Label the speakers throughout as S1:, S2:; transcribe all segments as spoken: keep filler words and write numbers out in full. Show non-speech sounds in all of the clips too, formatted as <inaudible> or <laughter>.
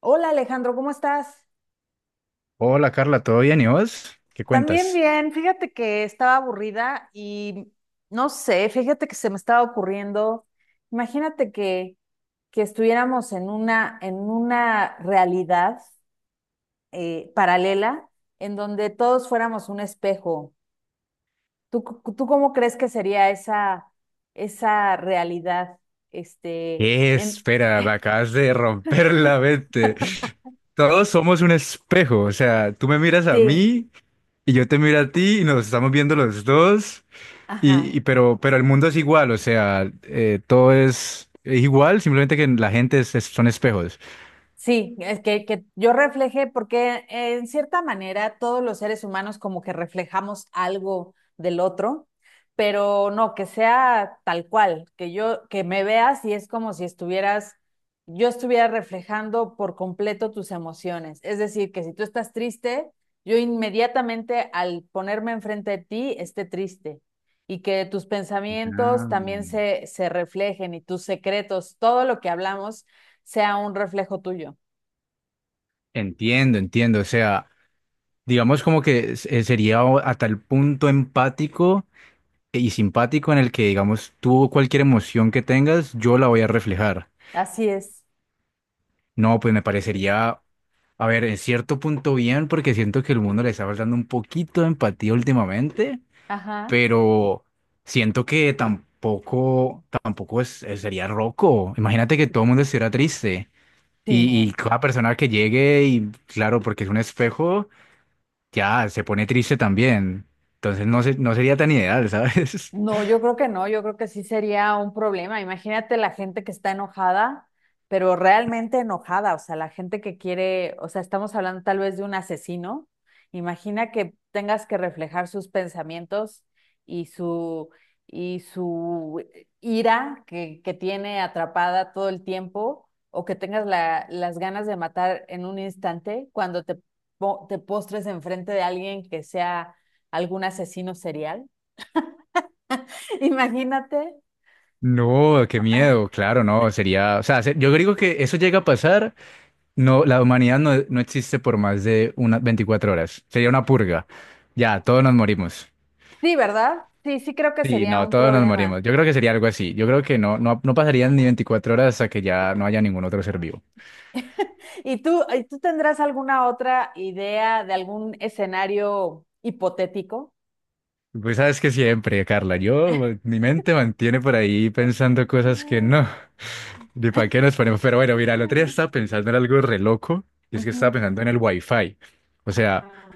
S1: Hola Alejandro, ¿cómo estás?
S2: Hola Carla, ¿todo bien? ¿Y vos? ¿Qué
S1: También
S2: cuentas?
S1: bien, fíjate que estaba aburrida y no sé, fíjate que se me estaba ocurriendo, imagínate que, que, estuviéramos en una, en una realidad eh, paralela en donde todos fuéramos un espejo. ¿Tú, c- tú cómo crees que sería esa, esa realidad? Este,
S2: Eh,
S1: en,
S2: espera, me acabas de romper
S1: <laughs>
S2: la mente. Todos somos un espejo, o sea, tú me miras a
S1: sí,
S2: mí y yo te miro a ti y nos estamos viendo los dos. y,
S1: ajá.
S2: y- pero, pero el mundo es igual, o sea, eh, todo es igual, simplemente que la gente es- es- son espejos.
S1: Sí, es que, que yo reflejé porque eh, en cierta manera todos los seres humanos como que reflejamos algo del otro, pero no, que sea tal cual, que yo, que me veas y es como si estuvieras, yo estuviera reflejando por completo tus emociones. Es decir, que si tú estás triste, yo inmediatamente al ponerme enfrente de ti esté triste y que tus pensamientos
S2: Ah.
S1: también se, se reflejen y tus secretos, todo lo que hablamos sea un reflejo tuyo.
S2: Entiendo, entiendo, o sea, digamos como que se- sería o- a tal punto empático y simpático en el que, digamos, tú cualquier emoción que tengas, yo la voy a reflejar.
S1: Así es.
S2: No, pues me parecería, a ver, en cierto punto bien, porque siento que el mundo le está faltando un poquito de empatía últimamente,
S1: Ajá.
S2: pero siento que tampoco, tampoco es, eh, sería roco. Imagínate que todo el mundo estuviera triste
S1: Sí,
S2: y, y
S1: no.
S2: cada persona que llegue y, claro, porque es un espejo, ya se pone triste también. Entonces no, se- no sería tan ideal, <laughs> ¿sabes?
S1: No, yo creo que no, yo creo que sí sería un problema. Imagínate la gente que está enojada, pero realmente enojada, o sea, la gente que quiere, o sea, estamos hablando tal vez de un asesino. Imagina que tengas que reflejar sus pensamientos y su y su ira que, que tiene atrapada todo el tiempo, o que tengas la- las ganas de matar en un instante cuando te, po- te postres enfrente de alguien que sea algún asesino serial. <laughs> Imagínate.
S2: No, qué
S1: Ah,
S2: miedo, claro, no, sería, o sea, se- yo digo que eso llega a pasar, no, la humanidad no, no existe por más de unas veinticuatro horas, sería una purga, ya, todos nos morimos.
S1: sí, ¿verdad? Sí, sí creo que
S2: Sí,
S1: sería
S2: no,
S1: un
S2: todos nos
S1: problema.
S2: morimos, yo creo que sería algo así, yo creo que no, no, no pasarían ni veinticuatro horas hasta que ya no haya ningún otro ser vivo.
S1: ¿Y tú, y tú tendrás alguna otra idea de algún escenario hipotético?
S2: Pues sabes que siempre, Carla, yo, mi mente mantiene por ahí pensando
S1: <laughs>
S2: cosas que no, ni para qué nos ponemos, pero bueno, mira, el otro día estaba pensando en algo re loco, y es que estaba
S1: Ujú.
S2: pensando en el Wi-Fi. O sea...
S1: Ajá,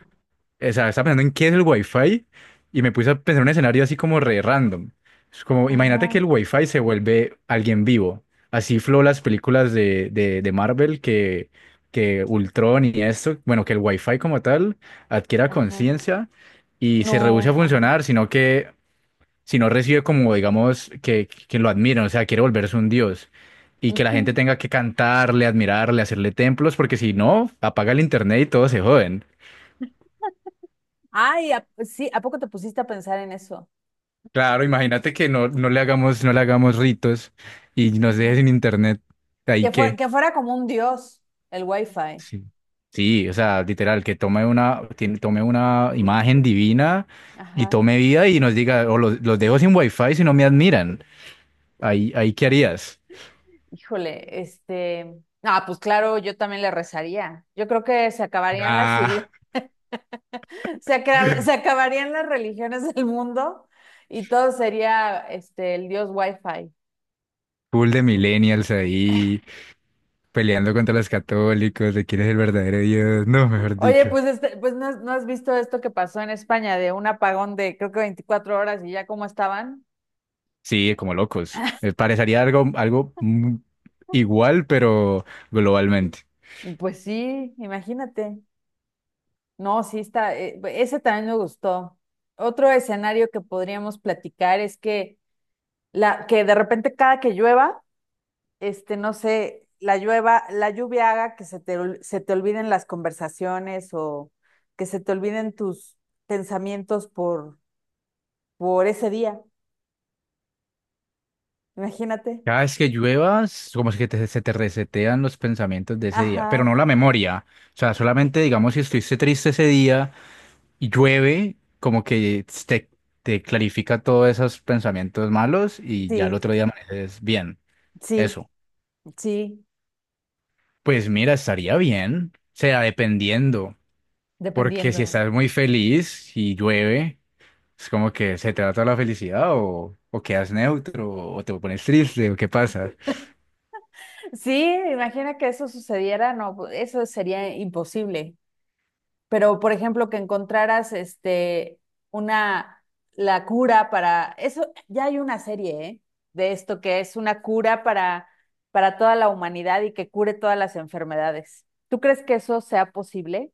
S2: O sea, estaba pensando en qué es el Wi-Fi y me puse a pensar en un escenario así como re random. Es como, imagínate que el
S1: ajá,
S2: Wi-Fi se vuelve alguien vivo. Así flow las películas de, de, de Marvel que, que Ultron y esto, bueno, que el Wi-Fi como tal adquiera
S1: ajá.
S2: conciencia y se reduce a
S1: No, ajá.
S2: funcionar, sino que si no recibe como, digamos, que, que lo admiran, o sea, quiere volverse un dios. Y que la gente
S1: Ujú.
S2: tenga que cantarle, admirarle, hacerle templos, porque si no, apaga el internet y todos se joden.
S1: Ay, ¿a- sí, ¿a poco te pusiste a pensar en eso?
S2: Claro, imagínate que no, no le hagamos, no le hagamos ritos y nos deje
S1: Ajá.
S2: sin internet. ¿Ahí
S1: Que fue-
S2: qué?
S1: que fuera como un dios el wifi.
S2: Sí. Sí, o sea, literal, que tome una, tiene- tome una imagen divina y
S1: Ajá.
S2: tome vida y nos diga, o los, los dejo sin wifi si no me admiran. Ahí, ahí ¿qué harías?
S1: Híjole, este. Ah, pues claro, yo también le rezaría. Yo creo que se acabarían las
S2: Ah,
S1: iglesias. Se, acra- se acabarían las religiones del mundo y todo sería este el dios Wi-Fi.
S2: full de millennials ahí, peleando contra los católicos, de quién es el verdadero Dios. No, mejor
S1: Oye,
S2: dicho.
S1: pues este, pues no, has no has visto esto que pasó en España de un apagón de creo que veinticuatro horas y ya cómo estaban.
S2: Sí, como locos. Me parecería algo, algo mm, igual, pero globalmente.
S1: Pues sí, imagínate. No, sí está, eh, ese también me gustó. Otro escenario que podríamos platicar es que la que de repente cada que llueva este, no sé, la llueva, la lluvia haga que se te, ol- se te olviden las conversaciones o que se te olviden tus pensamientos por, por ese día. Imagínate.
S2: Cada vez que lluevas, como si que te- se te resetean los pensamientos de ese día, pero no
S1: Ajá,
S2: la memoria. O sea, solamente, digamos, si estuviste triste ese día y llueve, como que te, te clarifica todos esos pensamientos malos y ya el
S1: sí,
S2: otro día amaneces bien.
S1: sí,
S2: Eso.
S1: sí,
S2: Pues mira, estaría bien. O sea, dependiendo. Porque si
S1: dependiendo.
S2: estás muy feliz y llueve, es como que se te va toda la felicidad o, o quedas neutro o te pones triste o qué pasa.
S1: Sí, imagina que eso sucediera, no, eso sería imposible. Pero, por ejemplo, que encontraras este una la cura para eso, ya hay una serie, ¿eh? De esto que es una cura para para toda la humanidad y que cure todas las enfermedades. ¿Tú crees que eso sea posible?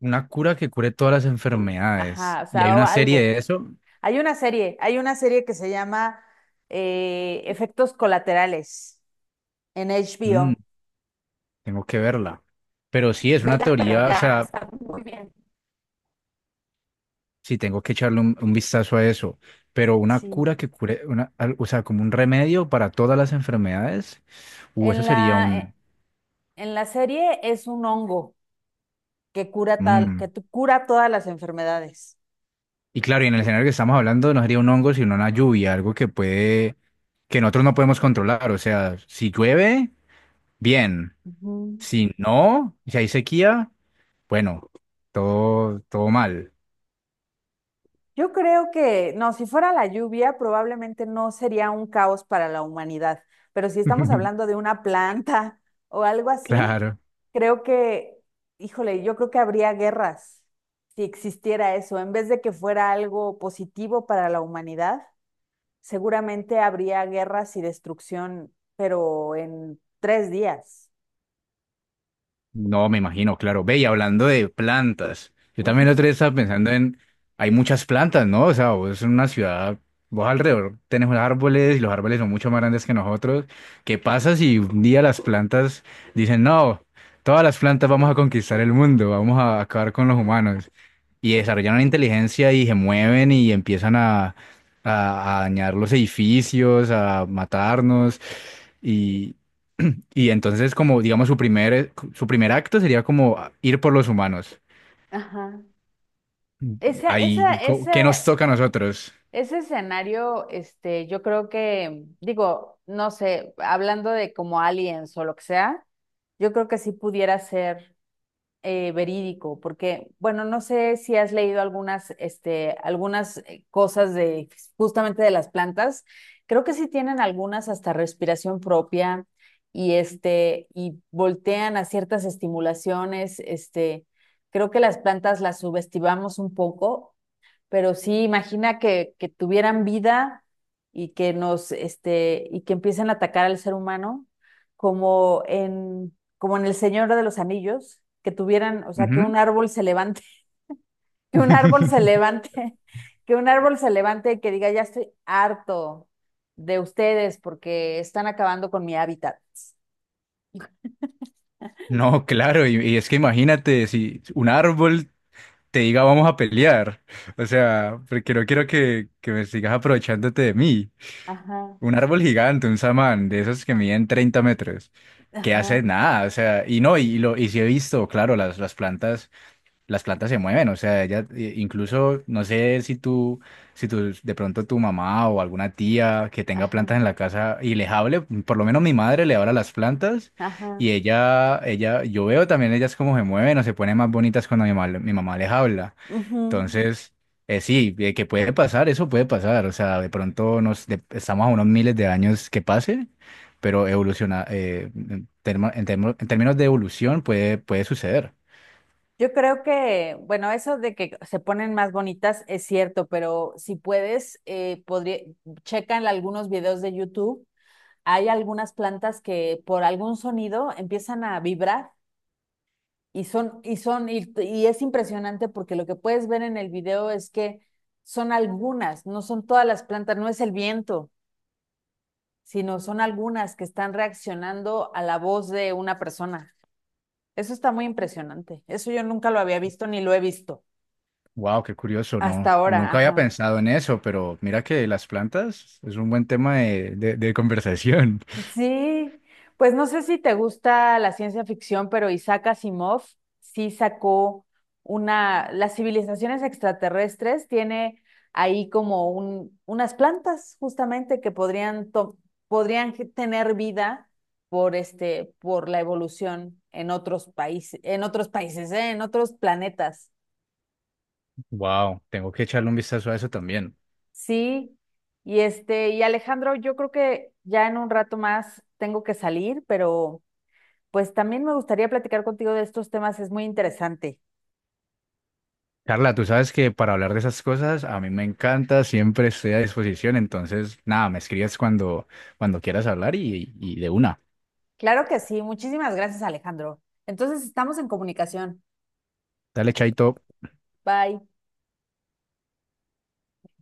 S2: Una cura que cure todas las enfermedades.
S1: Ajá, o
S2: Y hay
S1: sea, o
S2: una serie
S1: algo.
S2: de eso.
S1: Hay una serie, hay una serie que se llama eh, Efectos Colaterales en
S2: Mm,
S1: H B O.
S2: tengo que verla. Pero sí, es una
S1: Vela, pero
S2: teoría, o
S1: ya
S2: sea,
S1: está muy bien.
S2: sí tengo que echarle un, un vistazo a eso. Pero una cura
S1: Sí.
S2: que cure, una, al- o sea, como un remedio para todas las enfermedades. Uh, eso
S1: En
S2: sería
S1: la, eh,
S2: un...
S1: en la serie es un hongo que cura tal,
S2: Mm.
S1: que tu- cura todas las enfermedades.
S2: Y claro, y en el escenario que estamos hablando no sería un hongo, sino una lluvia, algo que puede, que nosotros no podemos controlar. O sea, si llueve, bien.
S1: Ujú.
S2: Si no, si hay sequía, bueno, todo, todo mal.
S1: Yo creo que, no, si fuera la lluvia, probablemente no sería un caos para la humanidad, pero si estamos hablando
S2: <laughs>
S1: de una planta <laughs> o algo así,
S2: Claro,
S1: creo que, híjole, yo creo que habría guerras si existiera eso. En vez de que fuera algo positivo para la humanidad, seguramente habría guerras y destrucción, pero en tres días.
S2: no me imagino, claro. Ve, y hablando de plantas, yo también la otra vez estaba pensando en, hay muchas plantas, ¿no? O sea, vos en una ciudad, vos alrededor tenés unos árboles y los árboles son mucho más grandes que nosotros. ¿Qué pasa si un día las plantas dicen, no, todas las plantas vamos a conquistar el mundo, vamos a acabar con los humanos? Y desarrollan una inteligencia y se mueven y empiezan a, a, a dañar los edificios, a matarnos. Y, y entonces, como digamos, su primer, su primer acto sería como ir por los humanos.
S1: Ajá. Esa,
S2: Ahí,
S1: esa,
S2: co- ¿qué nos
S1: esa.
S2: toca a nosotros?
S1: Ese escenario, este, yo creo que, digo, no sé, hablando de como aliens o lo que sea, yo creo que sí pudiera ser eh, verídico, porque, bueno, no sé si has leído algunas, este, algunas eh, cosas de justamente de las plantas. Creo que sí tienen algunas hasta respiración propia y este, y voltean a ciertas estimulaciones, este. Creo que las plantas las subestimamos un poco, pero sí imagina que, que tuvieran vida y que nos, este, y que empiecen a atacar al ser humano, como en, como en El Señor de los Anillos, que tuvieran, o sea, que un
S2: Ujú.
S1: árbol se levante, <laughs> que un árbol se
S2: <laughs>
S1: levante, <laughs> que un árbol se levante y que diga, ya estoy harto de ustedes porque están acabando con mi hábitat.
S2: No, claro, y, y es que imagínate si un árbol te diga vamos a pelear. <laughs> O sea, porque no quiero que, que me sigas aprovechándote de mí.
S1: Ajá,
S2: Un árbol gigante, un samán, de esos que miden treinta metros, que
S1: ajá,
S2: hace nada, o sea, y no, y, lo, y sí he visto, claro, las, las plantas las plantas se mueven, o sea, ella eh, incluso no sé si tú, si tú de pronto tu mamá o alguna tía que tenga
S1: ajá,
S2: plantas en la casa y les hable, por lo menos mi madre le habla a las plantas
S1: ajá.
S2: y ella, ella, yo veo también ellas cómo se mueven o se ponen más bonitas cuando mi, mal- mi mamá les habla.
S1: Ujú.
S2: Entonces, eh, sí, eh, que puede pasar, eso puede pasar, o sea, de pronto nos, de- estamos a unos miles de años que pase. Pero evoluciona, eh, en, termo- en termo- en términos de evolución puede, puede suceder.
S1: Yo creo que, bueno, eso de que se ponen más bonitas es cierto, pero si puedes, eh, podría, checa en algunos videos de YouTube, hay algunas plantas que por algún sonido empiezan a vibrar y son, y son, y, y es impresionante porque lo que puedes ver en el video es que son algunas, no son todas las plantas, no es el viento, sino son algunas que están reaccionando a la voz de una persona. Eso está muy impresionante. Eso yo nunca lo había visto ni lo he visto.
S2: Wow, qué curioso,
S1: Hasta
S2: no,
S1: ahora,
S2: nunca había
S1: ajá.
S2: pensado en eso, pero mira que las plantas es un buen tema de, de- de conversación.
S1: Sí, pues no sé si te gusta la ciencia ficción, pero Isaac Asimov sí sacó una, las civilizaciones extraterrestres tiene ahí como un, unas plantas justamente que podrían, to- podrían ge- tener vida por este, por la evolución en otros países, en otros países, ¿eh? En otros planetas.
S2: <laughs> Wow, tengo que echarle un vistazo a eso también.
S1: Sí, y este, y Alejandro, yo creo que ya en un rato más tengo que salir, pero pues también me gustaría platicar contigo de estos temas, es muy interesante.
S2: Carla, tú sabes que para hablar de esas cosas a mí me encanta, siempre estoy a disposición, entonces nada, me escribes cuando, cuando quieras hablar y, y de una.
S1: Claro que sí. Muchísimas gracias, Alejandro. Entonces, estamos en comunicación.
S2: Dale, chaito.
S1: Bye.